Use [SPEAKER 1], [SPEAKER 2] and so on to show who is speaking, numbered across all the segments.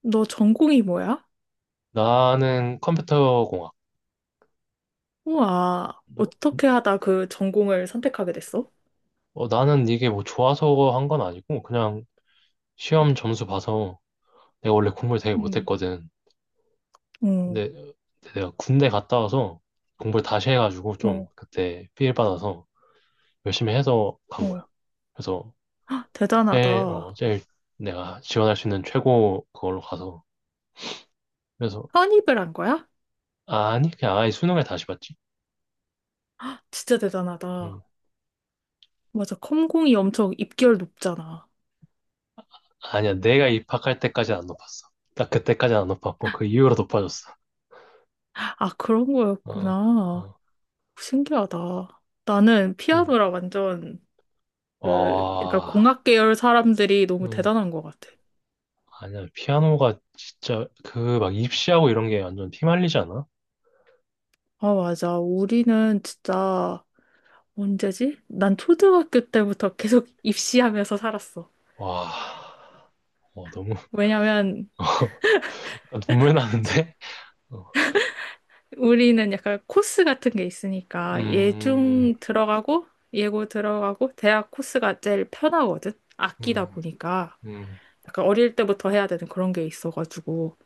[SPEAKER 1] 너 전공이 뭐야?
[SPEAKER 2] 나는 컴퓨터공학.
[SPEAKER 1] 우와,
[SPEAKER 2] 너-
[SPEAKER 1] 어떻게 하다 그 전공을 선택하게 됐어?
[SPEAKER 2] 나는 이게 뭐 좋아서 한 건 아니고, 그냥 시험 점수 봐서 내가 원래 공부를 되게
[SPEAKER 1] 응,
[SPEAKER 2] 못했거든.
[SPEAKER 1] 응,
[SPEAKER 2] 근데 내가 군대 갔다 와서 공부를 다시 해가지고 좀
[SPEAKER 1] 어,
[SPEAKER 2] 그때 필 받아서 열심히 해서 간 거야.
[SPEAKER 1] 어.
[SPEAKER 2] 그래서
[SPEAKER 1] 대단하다.
[SPEAKER 2] 제일 내가 지원할 수 있는 최고 그걸로 가서. 그래서,
[SPEAKER 1] 편입을 한 거야?
[SPEAKER 2] 아니, 그냥 아예 수능을 다시 봤지.
[SPEAKER 1] 진짜 대단하다.
[SPEAKER 2] 음,
[SPEAKER 1] 맞아, 컴공이 엄청 입결 높잖아.
[SPEAKER 2] 아니야, 내가 입학할 때까지는 안 높았어. 딱 그때까지는 안 높았고, 그 이후로 높아졌어.
[SPEAKER 1] 아, 그런
[SPEAKER 2] 어,
[SPEAKER 1] 거였구나.
[SPEAKER 2] 어,
[SPEAKER 1] 신기하다. 나는
[SPEAKER 2] 음.
[SPEAKER 1] 피아노라 완전 그 약간
[SPEAKER 2] 와,
[SPEAKER 1] 공학 계열 사람들이 너무
[SPEAKER 2] 음,
[SPEAKER 1] 대단한 것 같아.
[SPEAKER 2] 아니야. 피아노가 진짜 그 막 입시하고 이런 게 완전 피말리지 않아?
[SPEAKER 1] 아, 맞아. 우리는 진짜 언제지? 난 초등학교 때부터 계속 입시하면서 살았어.
[SPEAKER 2] 와, 어, 너무
[SPEAKER 1] 왜냐면
[SPEAKER 2] 약간 눈물 나는데? 어,
[SPEAKER 1] 우리는 약간 코스 같은 게 있으니까
[SPEAKER 2] 음,
[SPEAKER 1] 예중 들어가고 예고 들어가고 대학 코스가 제일 편하거든.
[SPEAKER 2] 음,
[SPEAKER 1] 아끼다 보니까
[SPEAKER 2] 음.
[SPEAKER 1] 약간 어릴 때부터 해야 되는 그런 게 있어가지고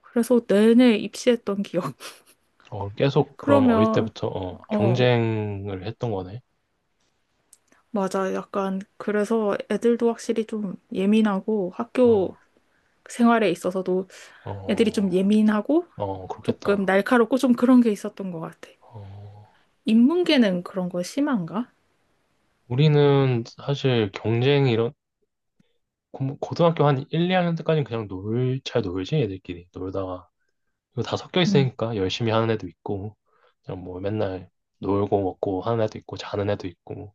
[SPEAKER 1] 그래서 내내 입시했던 기억.
[SPEAKER 2] 계속 그럼 어릴
[SPEAKER 1] 그러면,
[SPEAKER 2] 때부터
[SPEAKER 1] 어,
[SPEAKER 2] 경쟁을 했던 거네.
[SPEAKER 1] 맞아, 약간 그래서 애들도 확실히 좀 예민하고
[SPEAKER 2] 어,
[SPEAKER 1] 학교 생활에 있어서도 애들이 좀
[SPEAKER 2] 어,
[SPEAKER 1] 예민하고
[SPEAKER 2] 어,
[SPEAKER 1] 조금
[SPEAKER 2] 그렇겠다.
[SPEAKER 1] 날카롭고 좀 그런 게 있었던 것 같아.
[SPEAKER 2] 어,
[SPEAKER 1] 인문계는 그런 거 심한가?
[SPEAKER 2] 우리는 사실 경쟁 이런 고등학교 한 1, 2학년 때까지는 그냥 잘 놀지, 애들끼리. 놀다가 이거 다 섞여 있으니까 열심히 하는 애도 있고, 그냥 뭐 맨날 놀고 먹고 하는 애도 있고, 자는 애도 있고,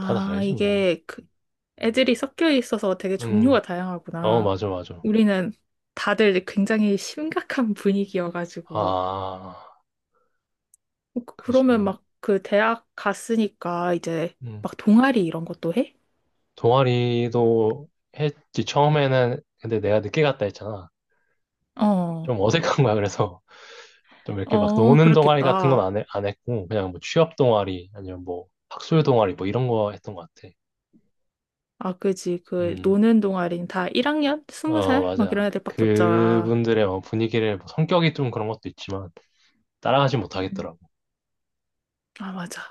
[SPEAKER 2] 다 다르지, 우린.
[SPEAKER 1] 이게 그 애들이 섞여 있어서 되게
[SPEAKER 2] 음,
[SPEAKER 1] 종류가
[SPEAKER 2] 어,
[SPEAKER 1] 다양하구나.
[SPEAKER 2] 맞아, 맞아.
[SPEAKER 1] 우리는 다들 굉장히 심각한 분위기여가지고.
[SPEAKER 2] 아,
[SPEAKER 1] 어, 그러면
[SPEAKER 2] 그지.
[SPEAKER 1] 막 그 대학 갔으니까 이제
[SPEAKER 2] 음,
[SPEAKER 1] 막 동아리 이런 것도 해?
[SPEAKER 2] 동아리도 했지, 처음에는. 근데 내가 늦게 갔다 했잖아.
[SPEAKER 1] 어,
[SPEAKER 2] 좀 어색한 거야, 그래서. 좀 이렇게 막
[SPEAKER 1] 어,
[SPEAKER 2] 노는 동아리 같은 건
[SPEAKER 1] 그렇겠다.
[SPEAKER 2] 안 해, 안 했고, 그냥 뭐 취업 동아리, 아니면 뭐 학술 동아리, 뭐 이런 거 했던 것 같아.
[SPEAKER 1] 아, 그지. 그
[SPEAKER 2] 음.
[SPEAKER 1] 노는 동아리는 다 1학년?
[SPEAKER 2] 어,
[SPEAKER 1] 20살? 막 이런
[SPEAKER 2] 맞아.
[SPEAKER 1] 애들밖에 없잖아.
[SPEAKER 2] 그분들의 뭐 분위기를, 뭐 성격이 좀 그런 것도 있지만, 따라가지
[SPEAKER 1] 음.
[SPEAKER 2] 못하겠더라고.
[SPEAKER 1] 아, 맞아.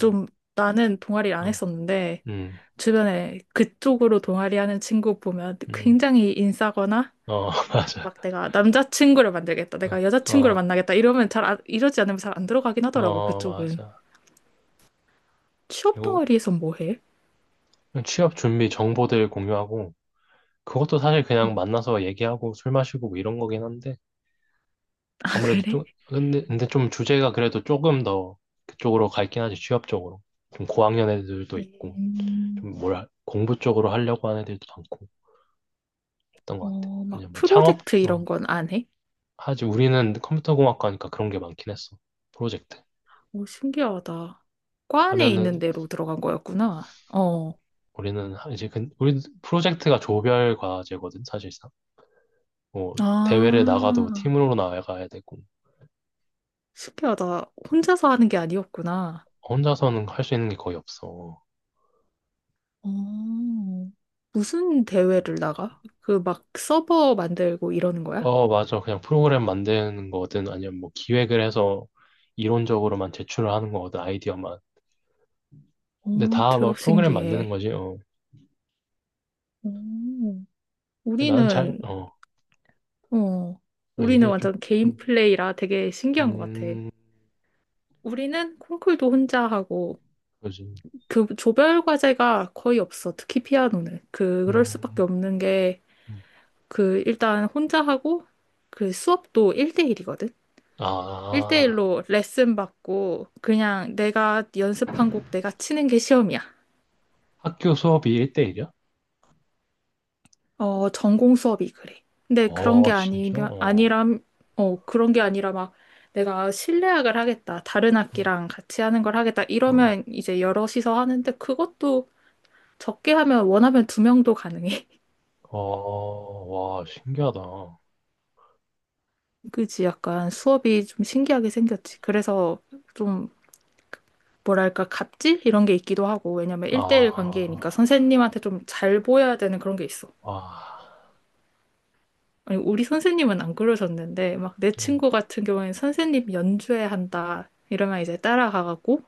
[SPEAKER 2] 응,
[SPEAKER 1] 나는 동아리를 안
[SPEAKER 2] 어,
[SPEAKER 1] 했었는데
[SPEAKER 2] 음,
[SPEAKER 1] 주변에 그쪽으로 동아리 하는 친구 보면
[SPEAKER 2] 음,
[SPEAKER 1] 굉장히 인싸거나
[SPEAKER 2] 어, 맞아.
[SPEAKER 1] 막 내가 남자친구를 만들겠다,
[SPEAKER 2] 어,
[SPEAKER 1] 내가 여자친구를
[SPEAKER 2] 어,
[SPEAKER 1] 만나겠다 이러면 잘 이러지 않으면 잘 안 들어가긴 하더라고
[SPEAKER 2] 어,
[SPEAKER 1] 그쪽은.
[SPEAKER 2] 맞아.
[SPEAKER 1] 취업
[SPEAKER 2] 그리고
[SPEAKER 1] 동아리에서 뭐 해?
[SPEAKER 2] 취업 준비 정보들 공유하고, 그것도 사실 그냥
[SPEAKER 1] 음.
[SPEAKER 2] 만나서 얘기하고 술 마시고 뭐 이런 거긴 한데,
[SPEAKER 1] 아,
[SPEAKER 2] 아무래도
[SPEAKER 1] 그래?
[SPEAKER 2] 좀, 근데 좀 주제가 그래도 조금 더 그쪽으로 갈긴 하지, 취업 쪽으로. 좀 고학년 애들도 있고,
[SPEAKER 1] 음,
[SPEAKER 2] 좀 공부 쪽으로 하려고 하는 애들도 많고, 했던 것 같아.
[SPEAKER 1] 어, 막
[SPEAKER 2] 아니면 뭐 창업,
[SPEAKER 1] 프로젝트 이런
[SPEAKER 2] 어,
[SPEAKER 1] 건 안 해?
[SPEAKER 2] 하지 우리는 컴퓨터공학과니까 그런 게 많긴 했어. 프로젝트.
[SPEAKER 1] 오, 신기하다. 과 안에 있는
[SPEAKER 2] 하면은
[SPEAKER 1] 대로 들어간 거였구나. 어.
[SPEAKER 2] 우리는 이제 우리 프로젝트가 조별 과제거든, 사실상. 뭐 대회를 나가도
[SPEAKER 1] 아,
[SPEAKER 2] 팀으로 나가야 되고
[SPEAKER 1] 신기하다. 혼자서 하는 게 아니었구나.
[SPEAKER 2] 혼자서는 할 수 있는 게 거의 없어.
[SPEAKER 1] 어. 무슨 대회를 나가? 그 막 서버 만들고 이러는 거야?
[SPEAKER 2] 어, 맞아, 그냥 프로그램 만드는 거든 아니면 뭐 기획을 해서 이론적으로만 제출을 하는 거거든, 아이디어만.
[SPEAKER 1] 어,
[SPEAKER 2] 근데 다막
[SPEAKER 1] 대박
[SPEAKER 2] 프로그램 만드는
[SPEAKER 1] 신기해.
[SPEAKER 2] 거지. 어.
[SPEAKER 1] 오,
[SPEAKER 2] 근데 나는 잘
[SPEAKER 1] 우리는,
[SPEAKER 2] 어
[SPEAKER 1] 어, 우리는
[SPEAKER 2] 얘기해줘.
[SPEAKER 1] 완전 개인
[SPEAKER 2] 음,
[SPEAKER 1] 플레이라 되게 신기한 것 같아.
[SPEAKER 2] 음,
[SPEAKER 1] 우리는 콩쿨도 혼자 하고,
[SPEAKER 2] 그지.
[SPEAKER 1] 그 조별 과제가 거의 없어. 특히 피아노는. 그, 그럴 수밖에
[SPEAKER 2] 음,
[SPEAKER 1] 없는 게,
[SPEAKER 2] 음.
[SPEAKER 1] 그, 일단 혼자 하고, 그 수업도 1대1이거든?
[SPEAKER 2] 아.
[SPEAKER 1] 1대1로 레슨 받고, 그냥 내가 연습한 곡 내가 치는 게 시험이야.
[SPEAKER 2] 학교 수업이 1대1이야?
[SPEAKER 1] 어, 전공 수업이 그래. 근데 그런 게
[SPEAKER 2] 어, 진짜?
[SPEAKER 1] 아니면,
[SPEAKER 2] 어,
[SPEAKER 1] 아니람, 어, 그런 게 아니라 막 내가 실내악을 하겠다. 다른
[SPEAKER 2] 어,
[SPEAKER 1] 악기랑 같이 하는 걸 하겠다.
[SPEAKER 2] 어,
[SPEAKER 1] 이러면 이제 여럿이서 하는데 그것도 적게 하면 원하면 두 명도 가능해.
[SPEAKER 2] 어, 와, 신기하다. 아,
[SPEAKER 1] 그지? 약간 수업이 좀 신기하게 생겼지. 그래서 좀 뭐랄까, 갑질? 이런 게 있기도 하고. 왜냐면 일대일 관계니까 선생님한테 좀 잘 보여야 되는 그런 게 있어.
[SPEAKER 2] 와,
[SPEAKER 1] 아니, 우리 선생님은 안 그러셨는데, 막 내
[SPEAKER 2] 어,
[SPEAKER 1] 친구 같은 경우에는 선생님 연주회 한다. 이러면 이제 따라가갖고,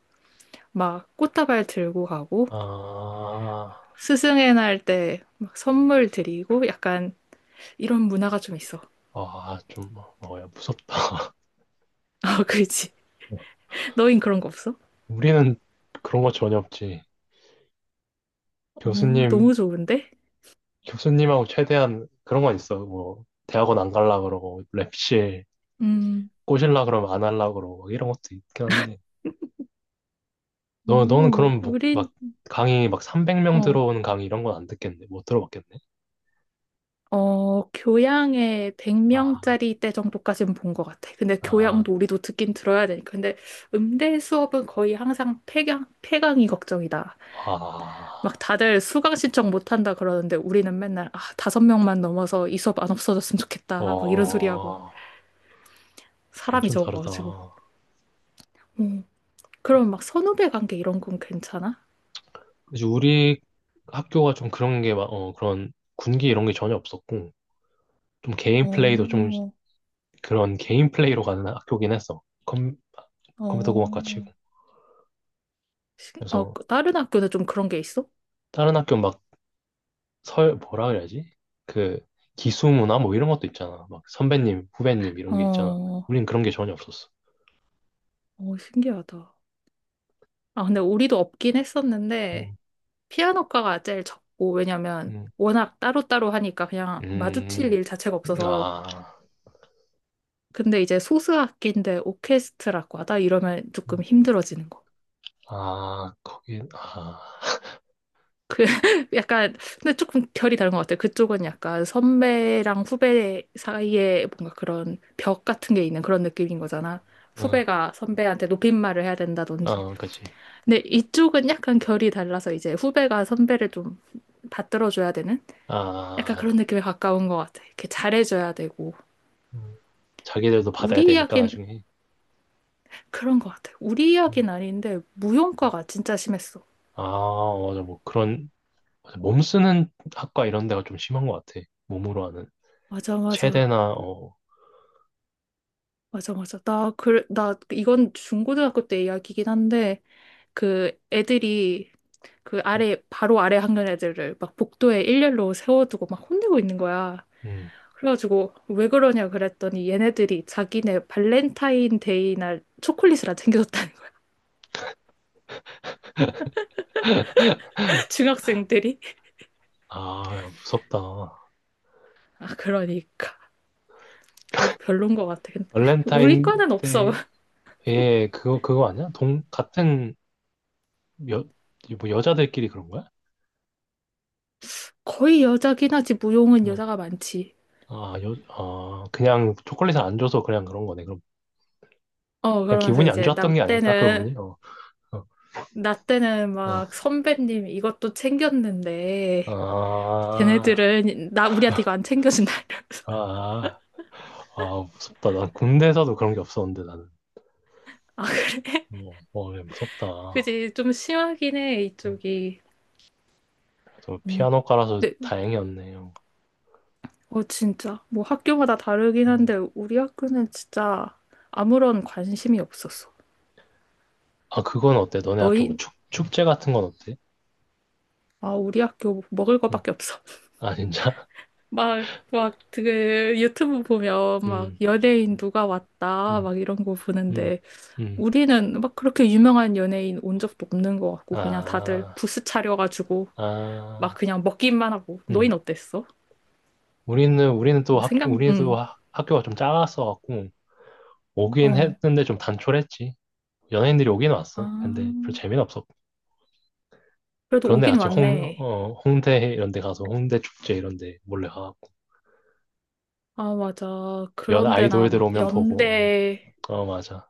[SPEAKER 1] 막 꽃다발 들고 가고,
[SPEAKER 2] 아,
[SPEAKER 1] 스승의 날 때 막 선물 드리고, 약간 이런 문화가 좀 있어.
[SPEAKER 2] 아, 좀, 어, 야, 무섭다.
[SPEAKER 1] 아, 그렇지. 너흰 그런 거 없어?
[SPEAKER 2] 우리는 그런 거 전혀 없지.
[SPEAKER 1] 어,
[SPEAKER 2] 교수님,
[SPEAKER 1] 너무 좋은데?
[SPEAKER 2] 교수님하고 최대한 그런 건 있어. 뭐, 대학원 안 갈라 그러고, 랩실
[SPEAKER 1] 음,
[SPEAKER 2] 꼬실라 그러면 안 할라 그러고, 막 이런 것도 있긴 한데. 너는
[SPEAKER 1] 어,
[SPEAKER 2] 그럼 뭐, 막,
[SPEAKER 1] 우린,
[SPEAKER 2] 강의 막 300명
[SPEAKER 1] 어,
[SPEAKER 2] 들어오는 강의 이런 건 안 듣겠네. 못 들어봤겠네.
[SPEAKER 1] 어, 교양에
[SPEAKER 2] 아.
[SPEAKER 1] 100명짜리 때 정도까지는 본 것 같아. 근데
[SPEAKER 2] 아,
[SPEAKER 1] 교양도 우리도 듣긴 들어야 되니까. 근데 음대 수업은 거의 항상 폐강이 걱정이다. 막
[SPEAKER 2] 아,
[SPEAKER 1] 다들 수강 신청 못 한다 그러는데 우리는 맨날, 아, 다섯 명만 넘어서 이 수업 안 없어졌으면 좋겠다, 막 이런 소리 하고
[SPEAKER 2] 어,
[SPEAKER 1] 사람이
[SPEAKER 2] 완전 다르다.
[SPEAKER 1] 적어가지고. 음. 그럼 막 선후배 관계 이런 건 괜찮아?
[SPEAKER 2] 그치, 우리 학교가 좀 그런 게, 그런 군기 이런 게 전혀 없었고, 좀 개인 플레이도 좀
[SPEAKER 1] 어,
[SPEAKER 2] 그런 개인 플레이로 가는 학교긴 했어. 컴퓨터 공학과
[SPEAKER 1] 어.
[SPEAKER 2] 치고.
[SPEAKER 1] 어,
[SPEAKER 2] 그래서
[SPEAKER 1] 그 다른 학교는 좀 그런 게 있어?
[SPEAKER 2] 다른 학교 막 뭐라 그래야지? 그 기수문화 뭐 이런 것도 있잖아. 막 선배님, 후배님 이런 게 있잖아.
[SPEAKER 1] 어,
[SPEAKER 2] 우린 그런 게 전혀 없었어.
[SPEAKER 1] 어, 신기하다. 아, 근데 우리도 없긴 했었는데,
[SPEAKER 2] 음,
[SPEAKER 1] 피아노과가 제일 적고, 왜냐면
[SPEAKER 2] 음,
[SPEAKER 1] 워낙 따로따로 하니까 그냥 마주칠
[SPEAKER 2] 음,
[SPEAKER 1] 일 자체가 없어서.
[SPEAKER 2] 아,
[SPEAKER 1] 근데 이제 소수악기인데 오케스트라과다 이러면
[SPEAKER 2] 음,
[SPEAKER 1] 조금 힘들어지는 거.
[SPEAKER 2] 아, 거기, 아,
[SPEAKER 1] 그 약간 근데 조금 결이 다른 것 같아요. 그쪽은 약간 선배랑 후배 사이에 뭔가 그런 벽 같은 게 있는 그런 느낌인 거잖아.
[SPEAKER 2] 어.
[SPEAKER 1] 후배가 선배한테 높임말을 해야 된다든지.
[SPEAKER 2] 아, 그치.
[SPEAKER 1] 근데 이쪽은 약간 결이 달라서 이제 후배가 선배를 좀 받들어줘야 되는 약간
[SPEAKER 2] 아,
[SPEAKER 1] 그런 느낌에 가까운 것 같아. 이렇게 잘해줘야 되고.
[SPEAKER 2] 음, 자기들도 받아야
[SPEAKER 1] 우리
[SPEAKER 2] 되니까
[SPEAKER 1] 이야기는
[SPEAKER 2] 나중에.
[SPEAKER 1] 그런 것 같아. 우리
[SPEAKER 2] 음.
[SPEAKER 1] 이야기는 아닌데 무용과가 진짜 심했어.
[SPEAKER 2] 아, 맞아. 뭐 그런 맞아. 몸 쓰는 학과 이런 데가 좀 심한 것 같아. 몸으로 하는
[SPEAKER 1] 맞아, 맞아.
[SPEAKER 2] 체대나 어,
[SPEAKER 1] 맞아, 맞아. 나, 이건 중고등학교 때 이야기긴 한데, 그 애들이 그
[SPEAKER 2] 음,
[SPEAKER 1] 아래, 바로 아래 학년 애들을 막 복도에 일렬로 세워두고 막 혼내고 있는 거야.
[SPEAKER 2] 음.
[SPEAKER 1] 그래가지고, 왜 그러냐 그랬더니 얘네들이 자기네 발렌타인데이 날 초콜릿을 안 챙겨줬다는 거야. 중학생들이.
[SPEAKER 2] 아, 야, 무섭다.
[SPEAKER 1] 아, 그러니까. 아, 별론 것 같아. 근데 우리
[SPEAKER 2] 발렌타인
[SPEAKER 1] 과는 없어.
[SPEAKER 2] 데에 그거 그거 아니야? 동 같은 여, 뭐 여자들끼리 그런 거야?
[SPEAKER 1] 거의 여자긴 하지, 무용은
[SPEAKER 2] 응.
[SPEAKER 1] 여자가 많지.
[SPEAKER 2] 아, 아, 그냥 초콜릿을 안 줘서 그냥 그런 거네. 그럼
[SPEAKER 1] 어,
[SPEAKER 2] 그냥
[SPEAKER 1] 그러면서
[SPEAKER 2] 기분이 안
[SPEAKER 1] 이제 나
[SPEAKER 2] 좋았던 게 아닐까
[SPEAKER 1] 때는
[SPEAKER 2] 그분이? 어,
[SPEAKER 1] 나 때는
[SPEAKER 2] 어,
[SPEAKER 1] 막 선배님 이것도 챙겼는데,
[SPEAKER 2] 어. 아,
[SPEAKER 1] 쟤네들은 나 우리한테 이거 안 챙겨준다 이러면서.
[SPEAKER 2] 아, 아, 무섭다. 난 군대에서도 그런 게 없었는데, 나는.
[SPEAKER 1] 아,
[SPEAKER 2] 어, 어, 예, 무섭다. 어,
[SPEAKER 1] 그지. 좀 심하긴 해 이쪽이.
[SPEAKER 2] 그래도
[SPEAKER 1] 음.
[SPEAKER 2] 피아노과라서
[SPEAKER 1] 네,
[SPEAKER 2] 다행이었네요.
[SPEAKER 1] 어, 진짜 뭐 학교마다 다르긴
[SPEAKER 2] 음.
[SPEAKER 1] 한데 우리 학교는 진짜 아무런 관심이 없었어.
[SPEAKER 2] 아, 그건 어때? 너네 학교 뭐
[SPEAKER 1] 너희.
[SPEAKER 2] 축제 같은 건 어때?
[SPEAKER 1] 아, 우리 학교 먹을
[SPEAKER 2] 응.
[SPEAKER 1] 거밖에 없어.
[SPEAKER 2] 아, 진짜?
[SPEAKER 1] 막 막 그 유튜브 보면 막
[SPEAKER 2] 음,
[SPEAKER 1] 연예인 누가 왔다
[SPEAKER 2] 음,
[SPEAKER 1] 막 이런 거
[SPEAKER 2] 음,
[SPEAKER 1] 보는데
[SPEAKER 2] 음.
[SPEAKER 1] 우리는 막 그렇게 유명한 연예인 온 적도 없는 것 같고, 그냥 다들
[SPEAKER 2] 아,
[SPEAKER 1] 부스 차려가지고, 막
[SPEAKER 2] 아,
[SPEAKER 1] 그냥 먹기만 하고.
[SPEAKER 2] 음.
[SPEAKER 1] 너흰 어땠어?
[SPEAKER 2] 우리는 또
[SPEAKER 1] 뭐 생각, 응.
[SPEAKER 2] 학교가 좀 작았어갖고, 오긴
[SPEAKER 1] 어.
[SPEAKER 2] 했는데 좀 단촐했지. 연예인들이 오긴 왔어. 근데
[SPEAKER 1] 아,
[SPEAKER 2] 별로 재미는 없었고.
[SPEAKER 1] 그래도
[SPEAKER 2] 그런데
[SPEAKER 1] 오긴
[SPEAKER 2] 같이
[SPEAKER 1] 왔네.
[SPEAKER 2] 홍대 이런 데 가서 홍대 축제 이런 데 몰래 가.
[SPEAKER 1] 아, 맞아.
[SPEAKER 2] 연
[SPEAKER 1] 그런 데나
[SPEAKER 2] 아이돌들
[SPEAKER 1] 막
[SPEAKER 2] 오면 보고.
[SPEAKER 1] 연대
[SPEAKER 2] 어, 어, 맞아.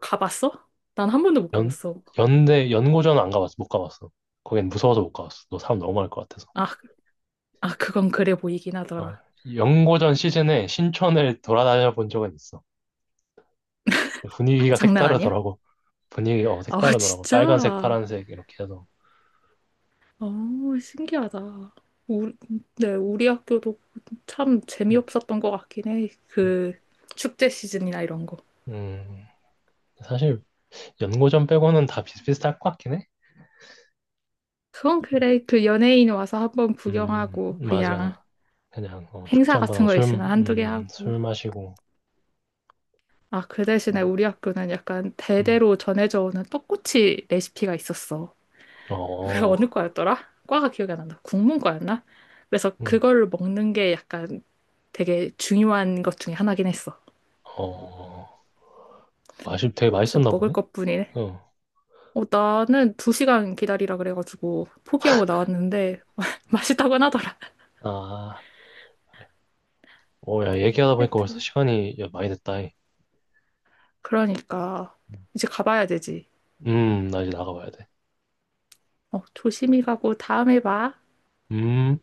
[SPEAKER 1] 가봤어? 난 한 번도 못
[SPEAKER 2] 연,
[SPEAKER 1] 가봤어.
[SPEAKER 2] 연대, 연고전 안 가봤어. 못 가봤어. 거긴 무서워서 못 가봤어. 너 사람 너무 많을 것 같아서.
[SPEAKER 1] 아, 아, 그건 그래 보이긴
[SPEAKER 2] 어,
[SPEAKER 1] 하더라.
[SPEAKER 2] 연고전 시즌에 신촌을 돌아다녀 본 적은 있어. 분위기가
[SPEAKER 1] 장난 아니야?
[SPEAKER 2] 색다르더라고.
[SPEAKER 1] 아,
[SPEAKER 2] 색다르더라고. 빨간색,
[SPEAKER 1] 진짜?
[SPEAKER 2] 파란색, 이렇게 해서.
[SPEAKER 1] 아, 신기하다. 우리, 네, 우리 학교도 참
[SPEAKER 2] 음,
[SPEAKER 1] 재미없었던 것 같긴 해.
[SPEAKER 2] 음,
[SPEAKER 1] 그 축제 시즌이나 이런 거.
[SPEAKER 2] 음. 사실, 연고전 빼고는 다 비슷비슷할 것 같긴 해.
[SPEAKER 1] 그건 그래. 그 연예인 와서 한번 구경하고 그냥
[SPEAKER 2] 맞아. 그냥, 축제
[SPEAKER 1] 행사
[SPEAKER 2] 한번
[SPEAKER 1] 같은
[SPEAKER 2] 하고
[SPEAKER 1] 거 있으면 한두 개 하고.
[SPEAKER 2] 술 마시고,
[SPEAKER 1] 아, 그 대신에
[SPEAKER 2] 어,
[SPEAKER 1] 우리 학교는 약간
[SPEAKER 2] 음,
[SPEAKER 1] 대대로 전해져 오는 떡꼬치 레시피가 있었어. 그게
[SPEAKER 2] 어,
[SPEAKER 1] 어느 과였더라? 과가 기억이 안 난다. 국문과였나? 그래서
[SPEAKER 2] 음,
[SPEAKER 1] 그걸 먹는 게 약간 되게 중요한 것 중에 하나긴 했어.
[SPEAKER 2] 어. 맛이 되게
[SPEAKER 1] 진짜
[SPEAKER 2] 맛있었나
[SPEAKER 1] 먹을
[SPEAKER 2] 보네?
[SPEAKER 1] 것뿐이네.
[SPEAKER 2] 어.
[SPEAKER 1] 어, 나는 2시간 기다리라 그래가지고 포기하고 나왔는데 맛있다고는 하더라.
[SPEAKER 2] 아, 오, 야, 얘기하다 보니까 벌써
[SPEAKER 1] 하여튼.
[SPEAKER 2] 시간이 야, 많이 됐다. 이.
[SPEAKER 1] 그러니까 이제 가봐야 되지.
[SPEAKER 2] 나 이제 나가봐야 돼.
[SPEAKER 1] 어, 조심히 가고 다음에 봐.
[SPEAKER 2] 음.